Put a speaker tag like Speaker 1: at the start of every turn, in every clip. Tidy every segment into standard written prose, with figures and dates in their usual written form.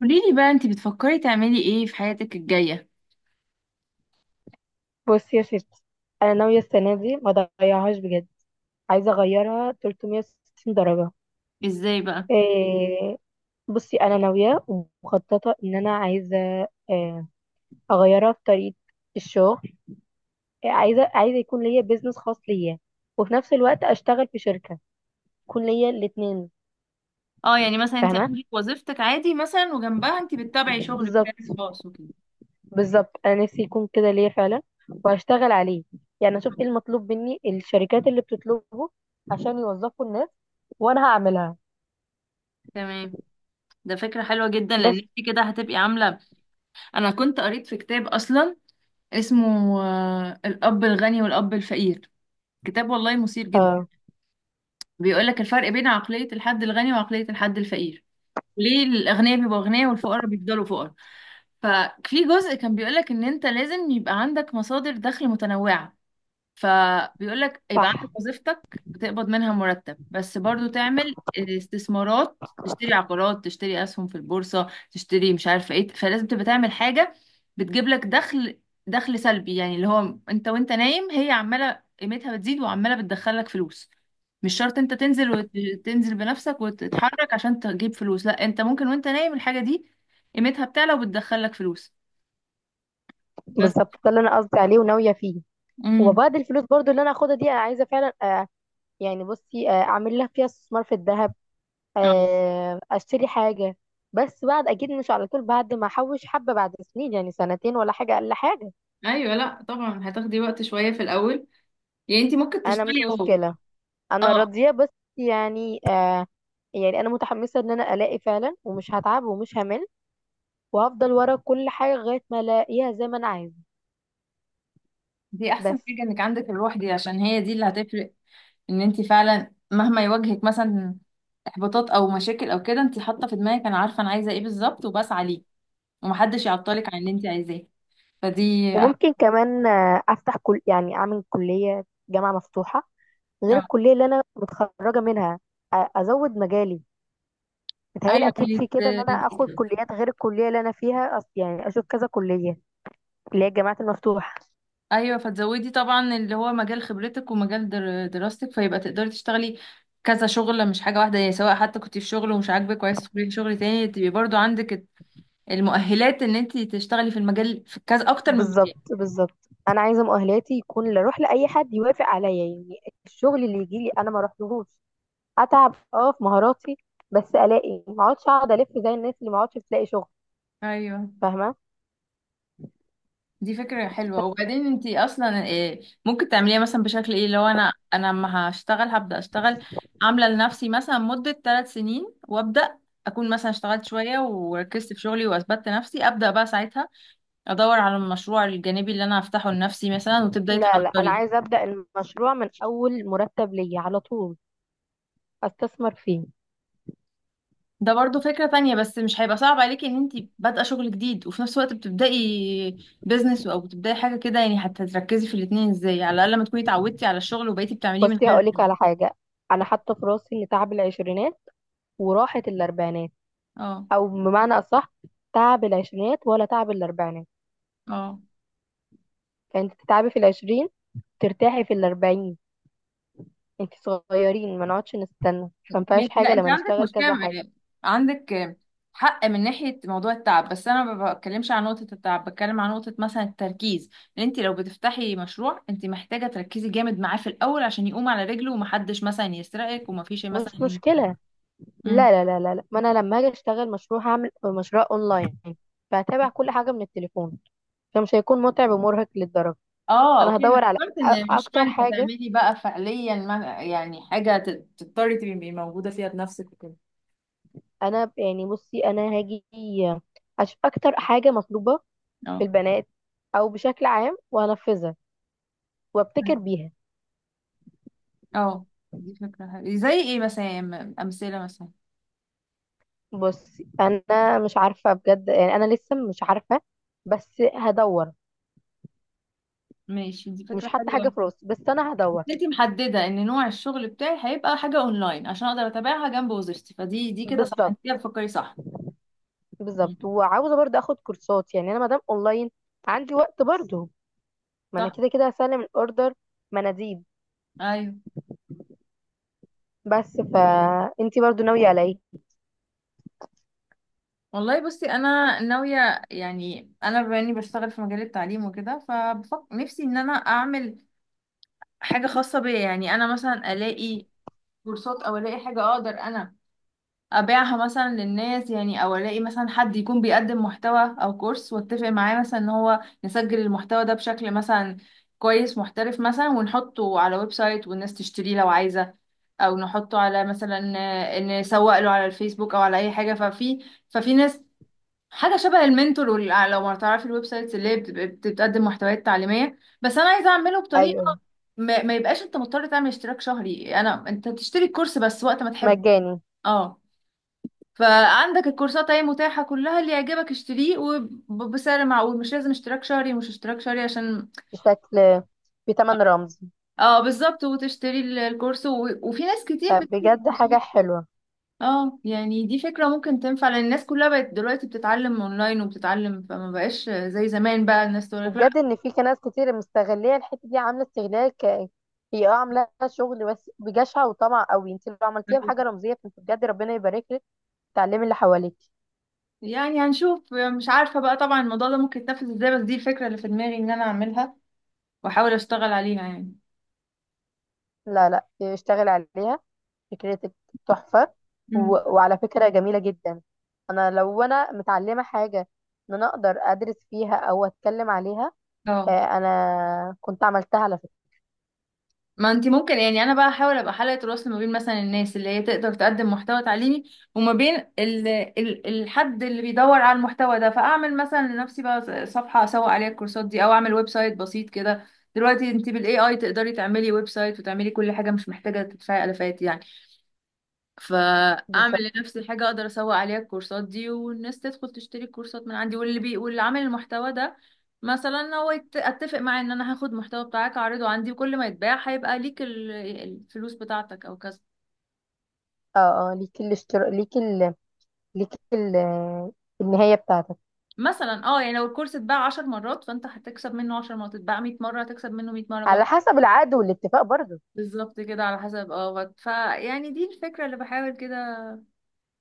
Speaker 1: قوليلي بقى، انتي بتفكري تعملي ايه في حياتك الجاية؟
Speaker 2: بصي يا ستي، انا ناويه السنه دي ما اضيعهاش بجد. عايزه اغيرها 360 درجه.
Speaker 1: ازاي بقى؟
Speaker 2: إيه؟ بصي انا ناويه ومخططه ان انا عايزه، آه، اغيرها في طريقه الشغل. عايزه يكون ليا بيزنس خاص ليا، وفي نفس الوقت اشتغل في شركه، يكون ليا الاثنين.
Speaker 1: اه، يعني مثلا انتي
Speaker 2: فاهمه؟
Speaker 1: عندك وظيفتك عادي مثلا وجنبها انتي بتتابعي شغل بتاعك
Speaker 2: بالظبط.
Speaker 1: خاص وكده.
Speaker 2: بالظبط انا نفسي يكون كده ليا فعلا، وهشتغل عليه. يعني اشوف ايه المطلوب مني الشركات اللي بتطلبه عشان يوظفوا الناس، وانا هعملها.
Speaker 1: تمام. ده فكرة حلوة جدا لان
Speaker 2: بس.
Speaker 1: انتي كده هتبقي عاملة. انا كنت قريت في كتاب اصلا اسمه الاب الغني والاب الفقير. كتاب والله مثير جدا.
Speaker 2: آه،
Speaker 1: بيقولك الفرق بين عقلية الحد الغني وعقلية الحد الفقير. ليه الأغنياء بيبقوا أغنياء والفقراء بيفضلوا فقراء؟ ففي جزء كان بيقولك إن أنت لازم يبقى عندك مصادر دخل متنوعة. فبيقول لك يبقى عندك
Speaker 2: صح.
Speaker 1: وظيفتك بتقبض منها مرتب، بس برضو تعمل استثمارات، تشتري عقارات، تشتري اسهم في البورصة، تشتري مش عارفة ايه. فلازم تبقى تعمل حاجة بتجيب لك دخل، دخل سلبي، يعني اللي هو انت وانت نايم هي عمالة قيمتها بتزيد وعمالة بتدخلك فلوس. مش شرط انت تنزل وتنزل بنفسك وتتحرك عشان تجيب فلوس، لا انت ممكن وانت نايم الحاجة دي قيمتها بتعلى وبتدخلك فلوس. بس.
Speaker 2: بالظبط ده اللي انا قصدي عليه وناويه فيه.
Speaker 1: امم
Speaker 2: وبعد الفلوس برضو اللي انا هاخدها دي انا عايزه فعلا، يعني بصي، اعمل لها فيها استثمار في الذهب،
Speaker 1: اه،
Speaker 2: آه اشتري حاجه. بس بعد، اكيد مش على طول، بعد ما احوش حبه، بعد سنين يعني سنتين ولا حاجه، اقل حاجه.
Speaker 1: ايوه. لا طبعا هتاخدي وقت شويه في الاول. يعني انت ممكن
Speaker 2: انا
Speaker 1: تشتغلي
Speaker 2: مش
Speaker 1: و.
Speaker 2: مشكله، انا
Speaker 1: اه.
Speaker 2: راضيه بس. يعني آه يعني انا متحمسه ان انا الاقي فعلا، ومش هتعب ومش همل، وهفضل ورا كل حاجه لغايه ما الاقيها زي ما انا عايزه.
Speaker 1: دي احسن
Speaker 2: بس.
Speaker 1: حاجة انك عندك الروح دي عشان هي دي اللي هتفرق. ان انت فعلا مهما يواجهك مثلا احباطات او مشاكل او كده، انت حاطة في دماغك انا عارفة انا عايزة ايه بالظبط وبسعى ليه ومحدش يعطلك عن اللي انت عايزاه. فدي
Speaker 2: وممكن كمان افتح كل يعني اعمل كليه جامعه مفتوحه، غير
Speaker 1: اه.
Speaker 2: الكليه اللي انا متخرجه منها. ازود مجالي. متهيألي
Speaker 1: ايوه
Speaker 2: اكيد في كده ان انا اخد كليات غير الكليه اللي انا فيها، يعني اشوف كذا كليه، اللي هي الجامعات المفتوحه.
Speaker 1: ايوه فتزودي طبعا اللي هو مجال خبرتك ومجال دراستك، فيبقى تقدري تشتغلي كذا شغلة، مش حاجة واحدة. يعني سواء حتى كنت في شغل ومش عاجبك وعايز تدخلي في شغل تاني، تبقي برضو عندك المؤهلات ان انت تشتغلي في المجال، في كذا اكتر من مجال.
Speaker 2: بالظبط. بالظبط انا عايزه مؤهلاتي يكون لا اروح لاي حد يوافق عليا يعني. الشغل اللي يجي لي انا ما اروحلهوش. اتعب اه في مهاراتي، بس الاقي، ما اقعدش اقعد الف زي الناس اللي ما اقعدش تلاقي شغل.
Speaker 1: ايوه.
Speaker 2: فاهمه؟
Speaker 1: دي فكرة حلوة. وبعدين انت اصلا إيه ممكن تعمليها مثلا؟ بشكل ايه؟ لو انا اما هشتغل، هبدأ اشتغل عاملة لنفسي مثلا مدة 3 سنين، وابدأ اكون مثلا اشتغلت شوية وركزت في شغلي واثبتت نفسي، ابدأ بقى ساعتها ادور على المشروع الجانبي اللي انا هفتحه لنفسي مثلا، وتبدأي
Speaker 2: لا لا، انا
Speaker 1: تحضري.
Speaker 2: عايزه ابدا المشروع من اول مرتب ليا على طول، استثمر فيه.
Speaker 1: ده برضو فكرة تانية، بس مش هيبقى صعب عليكي ان انتي بادئة شغل جديد وفي نفس الوقت بتبدأي بيزنس او بتبدأي حاجة كده؟ يعني هتركزي في الاتنين ازاي؟ على الأقل ما تكوني اتعودتي على الشغل وبقيتي بتعمليه من
Speaker 2: بصي
Speaker 1: غير.
Speaker 2: هقولك على حاجة. أنا حاطة في راسي إن تعب العشرينات وراحة الأربعينات.
Speaker 1: اه،
Speaker 2: أو بمعنى أصح، تعب العشرينات ولا تعب الأربعينات.
Speaker 1: اه.
Speaker 2: فأنت تتعبي في العشرين، ترتاحي في الأربعين. أنت صغيرين، ما نقعدش نستنى، فمفيهاش
Speaker 1: ماشي.
Speaker 2: حاجة
Speaker 1: لا انت
Speaker 2: لما
Speaker 1: عندك
Speaker 2: نشتغل
Speaker 1: مشكلة،
Speaker 2: كذا حاجة.
Speaker 1: عندك حق من ناحية موضوع التعب، بس انا ما بتكلمش عن نقطة التعب، بتكلم عن نقطة مثلا التركيز. ان انت لو بتفتحي مشروع، انت محتاجة تركزي جامد معاه في الأول عشان يقوم على رجله ومحدش مثلا يسرقك ومفيش
Speaker 2: مش
Speaker 1: مثلا.
Speaker 2: مشكلة. لا لا لا لا لا. ما أنا لما أجي أشتغل مشروع هعمل مشروع أونلاين، فهتابع كل حاجة من التليفون، فمش هيكون متعب ومرهق للدرجة.
Speaker 1: اه،
Speaker 2: أنا
Speaker 1: اوكي. انا
Speaker 2: هدور على
Speaker 1: فكرت ان المشروع
Speaker 2: أكتر
Speaker 1: انت
Speaker 2: حاجة.
Speaker 1: تعملي بقى فعليا، ما يعني حاجه تضطري تبقي موجوده فيها بنفسك وكده.
Speaker 2: انا يعني بصي انا هاجي اشوف اكتر حاجه مطلوبه في
Speaker 1: اه،
Speaker 2: البنات او بشكل عام، وانفذها وابتكر بيها.
Speaker 1: اه. دي فكره حلوه زي ايه مثلا؟ يعني امثله مثلا.
Speaker 2: بصي انا مش عارفه بجد، يعني انا لسه مش عارفه، بس هدور.
Speaker 1: ماشي، دي
Speaker 2: مش
Speaker 1: فكره
Speaker 2: حتى حاجه
Speaker 1: حلوه.
Speaker 2: في راسي، بس انا
Speaker 1: بس
Speaker 2: هدور.
Speaker 1: انت محدده ان نوع الشغل بتاعي هيبقى حاجه اونلاين عشان اقدر اتابعها جنب وظيفتي، فدي كده صح؟
Speaker 2: بالظبط.
Speaker 1: انت كده بتفكري صح. مم.
Speaker 2: بالظبط وعاوزه برضه اخد كورسات، يعني انا مادام اونلاين عندي وقت برضه. ما انا
Speaker 1: صح.
Speaker 2: كده كده هسلم الاوردر مناديب.
Speaker 1: ايوه.
Speaker 2: بس، فانتي برضه ناويه على ايه؟
Speaker 1: والله بصي انا ناويه، يعني انا بما اني بشتغل في مجال التعليم وكده، فبفكر نفسي ان انا اعمل حاجة خاصة بيا. يعني أنا مثلا ألاقي كورسات، أو ألاقي حاجة أقدر أنا أبيعها مثلا للناس، يعني أو ألاقي مثلا حد يكون بيقدم محتوى أو كورس، وأتفق معاه مثلا إن هو نسجل المحتوى ده بشكل مثلا كويس، محترف مثلا، ونحطه على ويب سايت والناس تشتريه لو عايزة. أو نحطه على مثلا، إن نسوق له على الفيسبوك أو على أي حاجة. ففي ناس، حاجه شبه المنتور لو ما تعرفي الويب سايتس اللي هي بتقدم محتويات تعليميه، بس انا عايزه اعمله
Speaker 2: ايوه.
Speaker 1: بطريقه ما يبقاش انت مضطر تعمل اشتراك شهري. انا انت تشتري الكورس بس وقت ما تحب.
Speaker 2: مجاني.
Speaker 1: اه، فعندك الكورسات اهي متاحه كلها، اللي يعجبك اشتريه، وبسعر معقول. مش لازم اشتراك شهري، مش اشتراك شهري، عشان.
Speaker 2: بشكل، بتمن رمز.
Speaker 1: اه، بالظبط. وتشتري الكورس و... وفي ناس كتير
Speaker 2: طب
Speaker 1: بت.
Speaker 2: بجد حاجة حلوة.
Speaker 1: اه، يعني دي فكرة ممكن تنفع، لان الناس كلها بقت دلوقتي بتتعلم اونلاين، وبتتعلم، فما بقاش زي زمان بقى الناس تقول
Speaker 2: وبجد
Speaker 1: لك
Speaker 2: ان في ناس كتير مستغلية الحتة دي عاملة استغلال هي اه عاملة شغل بس بجشع وطمع قوي. انت لو عملتيها بحاجة
Speaker 1: لا.
Speaker 2: رمزية فانت بجد ربنا يبارك لك. تعلمي اللي حواليك.
Speaker 1: يعني هنشوف، مش عارفة بقى طبعا الموضوع ده ممكن يتنفذ ازاي، بس دي الفكرة اللي في دماغي ان انا اعملها واحاول اشتغل عليها يعني.
Speaker 2: لا لا، اشتغل عليها، فكرتك تحفة. و...
Speaker 1: مم.
Speaker 2: وعلى فكرة جميلة جدا، انا لو انا متعلمة حاجة ان انا اقدر ادرس فيها او اتكلم عليها.
Speaker 1: اه،
Speaker 2: انا كنت عملتها على فكرة.
Speaker 1: ما انت ممكن، يعني انا بقى احاول ابقى حلقة الوصل ما بين مثلا الناس اللي هي تقدر تقدم محتوى تعليمي، وما بين الحد اللي بيدور على المحتوى ده، فاعمل مثلا لنفسي بقى صفحة اسوق عليها الكورسات دي، او اعمل ويب سايت بسيط كده. دلوقتي انت بالاي اي تقدري تعملي ويب سايت وتعملي كل حاجة، مش محتاجة تدفعي الافات يعني.
Speaker 2: بالظبط.
Speaker 1: فاعمل لنفسي حاجه اقدر اسوق عليها الكورسات دي، والناس تدخل تشتري الكورسات من عندي، واللي بي واللي عامل المحتوى ده مثلا هو اتفق معاه ان انا هاخد محتوى بتاعك اعرضه عندي، وكل ما يتباع هيبقى ليك الفلوس بتاعتك او كذا.
Speaker 2: اه اه، ليكي الاشتراك، ليكي ال... النهاية بتاعتك.
Speaker 1: مثلا اه، يعني لو الكورس اتباع 10 مرات فانت هتكسب منه 10 مرات، اتباع 100 مره هتكسب منه 100 مره
Speaker 2: على
Speaker 1: بقى.
Speaker 2: حسب العقد والاتفاق برضه.
Speaker 1: بالظبط كده على حسب. اه فيعني دي الفكره اللي بحاول كده،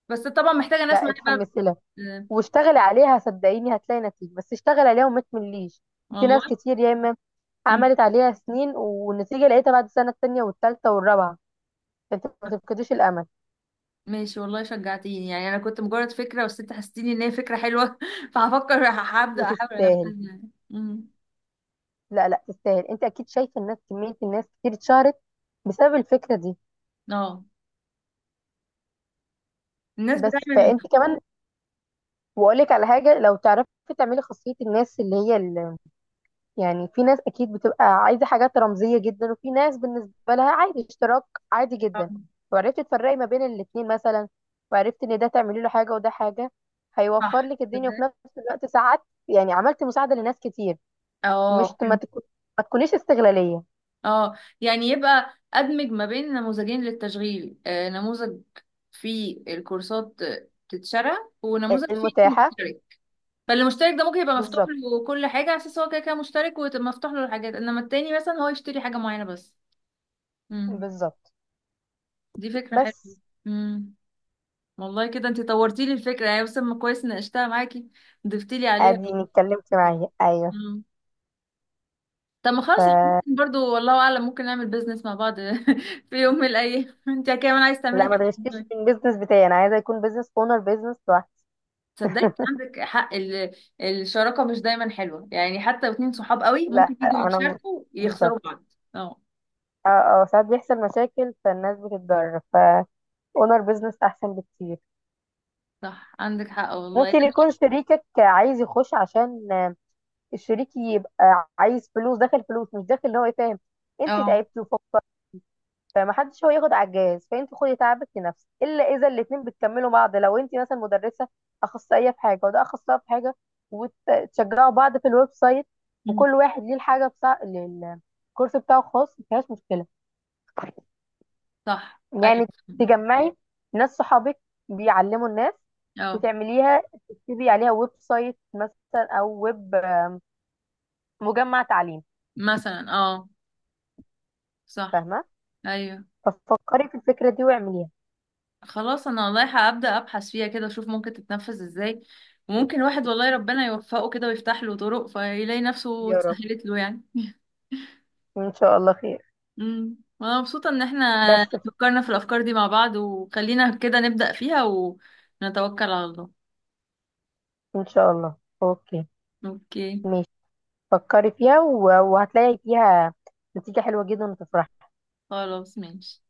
Speaker 1: بس طبعا محتاجه ناس
Speaker 2: لا،
Speaker 1: معايا بقى.
Speaker 2: اتحمسي لها
Speaker 1: بت-
Speaker 2: واشتغلي عليها، صدقيني هتلاقي نتيجة، بس اشتغلي عليها وما تمليش. في ناس
Speaker 1: والله.
Speaker 2: كتير يا اما
Speaker 1: مم.
Speaker 2: عملت عليها سنين، والنتيجة لقيتها بعد السنة التانية والتالتة والرابعة. فانت ما تفقديش الأمل.
Speaker 1: ماشي، والله شجعتيني. يعني انا كنت مجرد فكره، بس انت حسيتيني ان هي فكره حلوه فهفكر هبدا احاول
Speaker 2: وتستاهل.
Speaker 1: انفذها يعني.
Speaker 2: لا لا، تستاهل. انت اكيد شايفة الناس، كمية الناس كتير اتشهرت بسبب الفكرة دي.
Speaker 1: اه، الناس
Speaker 2: بس
Speaker 1: بتعمل.
Speaker 2: فانت كمان. واقول لك على حاجة. لو تعرفي تعملي خاصية الناس اللي هي، يعني في ناس اكيد بتبقى عايزه حاجات رمزيه جدا، وفي ناس بالنسبه لها عادي، اشتراك عادي
Speaker 1: آه،
Speaker 2: جدا. وعرفت تفرقي ما بين الاتنين مثلا، وعرفت ان ده تعملي له حاجه وده حاجه، هيوفر
Speaker 1: صح،
Speaker 2: لك الدنيا،
Speaker 1: تصدقي؟
Speaker 2: وفي نفس الوقت ساعات يعني عملت مساعده لناس كتير. مش
Speaker 1: اه،
Speaker 2: ما
Speaker 1: فهمت.
Speaker 2: تكون، ما تكونيش استغلاليه.
Speaker 1: اه، يعني يبقى ادمج ما بين نموذجين للتشغيل، نموذج فيه الكورسات، تتشرى، ونموذج فيه
Speaker 2: المتاحه.
Speaker 1: المشترك. فالمشترك ده ممكن يبقى مفتوح
Speaker 2: بالظبط.
Speaker 1: له كل حاجه على اساس هو كده كده مشترك، ومفتوح له الحاجات، انما التاني مثلا هو يشتري حاجه معينه بس. امم
Speaker 2: بالظبط
Speaker 1: دي فكره حلوه.
Speaker 2: بس.
Speaker 1: امم والله كده انت طورتي لي الفكره، يعني بس ما كويس ناقشتها معاكي، ضفتي لي عليها.
Speaker 2: اديني اتكلمت معايا ايوه.
Speaker 1: مم. طب ما
Speaker 2: ف...
Speaker 1: خلاص، احنا ممكن برضو والله اعلم ممكن نعمل بيزنس مع بعض في يوم من الايام انت كمان عايز
Speaker 2: لا،
Speaker 1: تعملي
Speaker 2: ما تغشيش
Speaker 1: حاجه.
Speaker 2: في البيزنس بتاعي، انا عايزه يكون بيزنس اونر، بيزنس لوحدي.
Speaker 1: صدقني عندك حق، الشراكه مش دايما حلوه. يعني حتى لو اتنين صحاب قوي
Speaker 2: لا
Speaker 1: ممكن يجوا يتشاركوا يخسروا
Speaker 2: بالظبط.
Speaker 1: بعض. اه،
Speaker 2: اه اه، ساعات بيحصل مشاكل، فالناس بتتضرر، فاونر بزنس احسن بكتير.
Speaker 1: صح عندك حق والله.
Speaker 2: ممكن يكون شريكك عايز يخش، عشان الشريك يبقى عايز فلوس داخل، فلوس مش داخل، ان هو يفهم انت
Speaker 1: اه.
Speaker 2: تعبتي وفكر. فمحدش هو ياخد على الجهاز، فانت خدي تعبك لنفسك، الا اذا الاتنين بتكملوا بعض، لو انت مثلا مدرسه اخصائيه في حاجه، وده اخصائي في حاجه، وتشجعوا بعض في الويب سايت.
Speaker 1: مم.
Speaker 2: وكل واحد ليه الحاجه بتاع الكورس بتاعه خاص، مفيهاش مشكله.
Speaker 1: صح. ايوه.
Speaker 2: يعني تجمعي ناس صحابك بيعلموا الناس
Speaker 1: اه،
Speaker 2: وتعمليها، تكتبي عليها ويب سايت مثلا او ويب مجمع تعليم.
Speaker 1: مثلا، اه، صح
Speaker 2: فاهمه؟
Speaker 1: ايوه.
Speaker 2: ففكري في الفكره دي واعمليها.
Speaker 1: خلاص انا والله هبدأ ابحث فيها كده، اشوف ممكن تتنفذ ازاي. وممكن الواحد والله ربنا يوفقه كده ويفتح له طرق، فيلاقي نفسه
Speaker 2: يا رب،
Speaker 1: اتسهلت له يعني
Speaker 2: ان شاء الله خير.
Speaker 1: وانا مبسوطة ان احنا
Speaker 2: بس ف-
Speaker 1: فكرنا في الافكار دي مع بعض، وخلينا كده نبدأ فيها ونتوكل على الله.
Speaker 2: ان شاء الله. اوكي.
Speaker 1: اوكي.
Speaker 2: ماشي. فكري فيها وهتلاقي فيها نتيجه حلوه جدا وتفرحي.
Speaker 1: خلاص ماشي.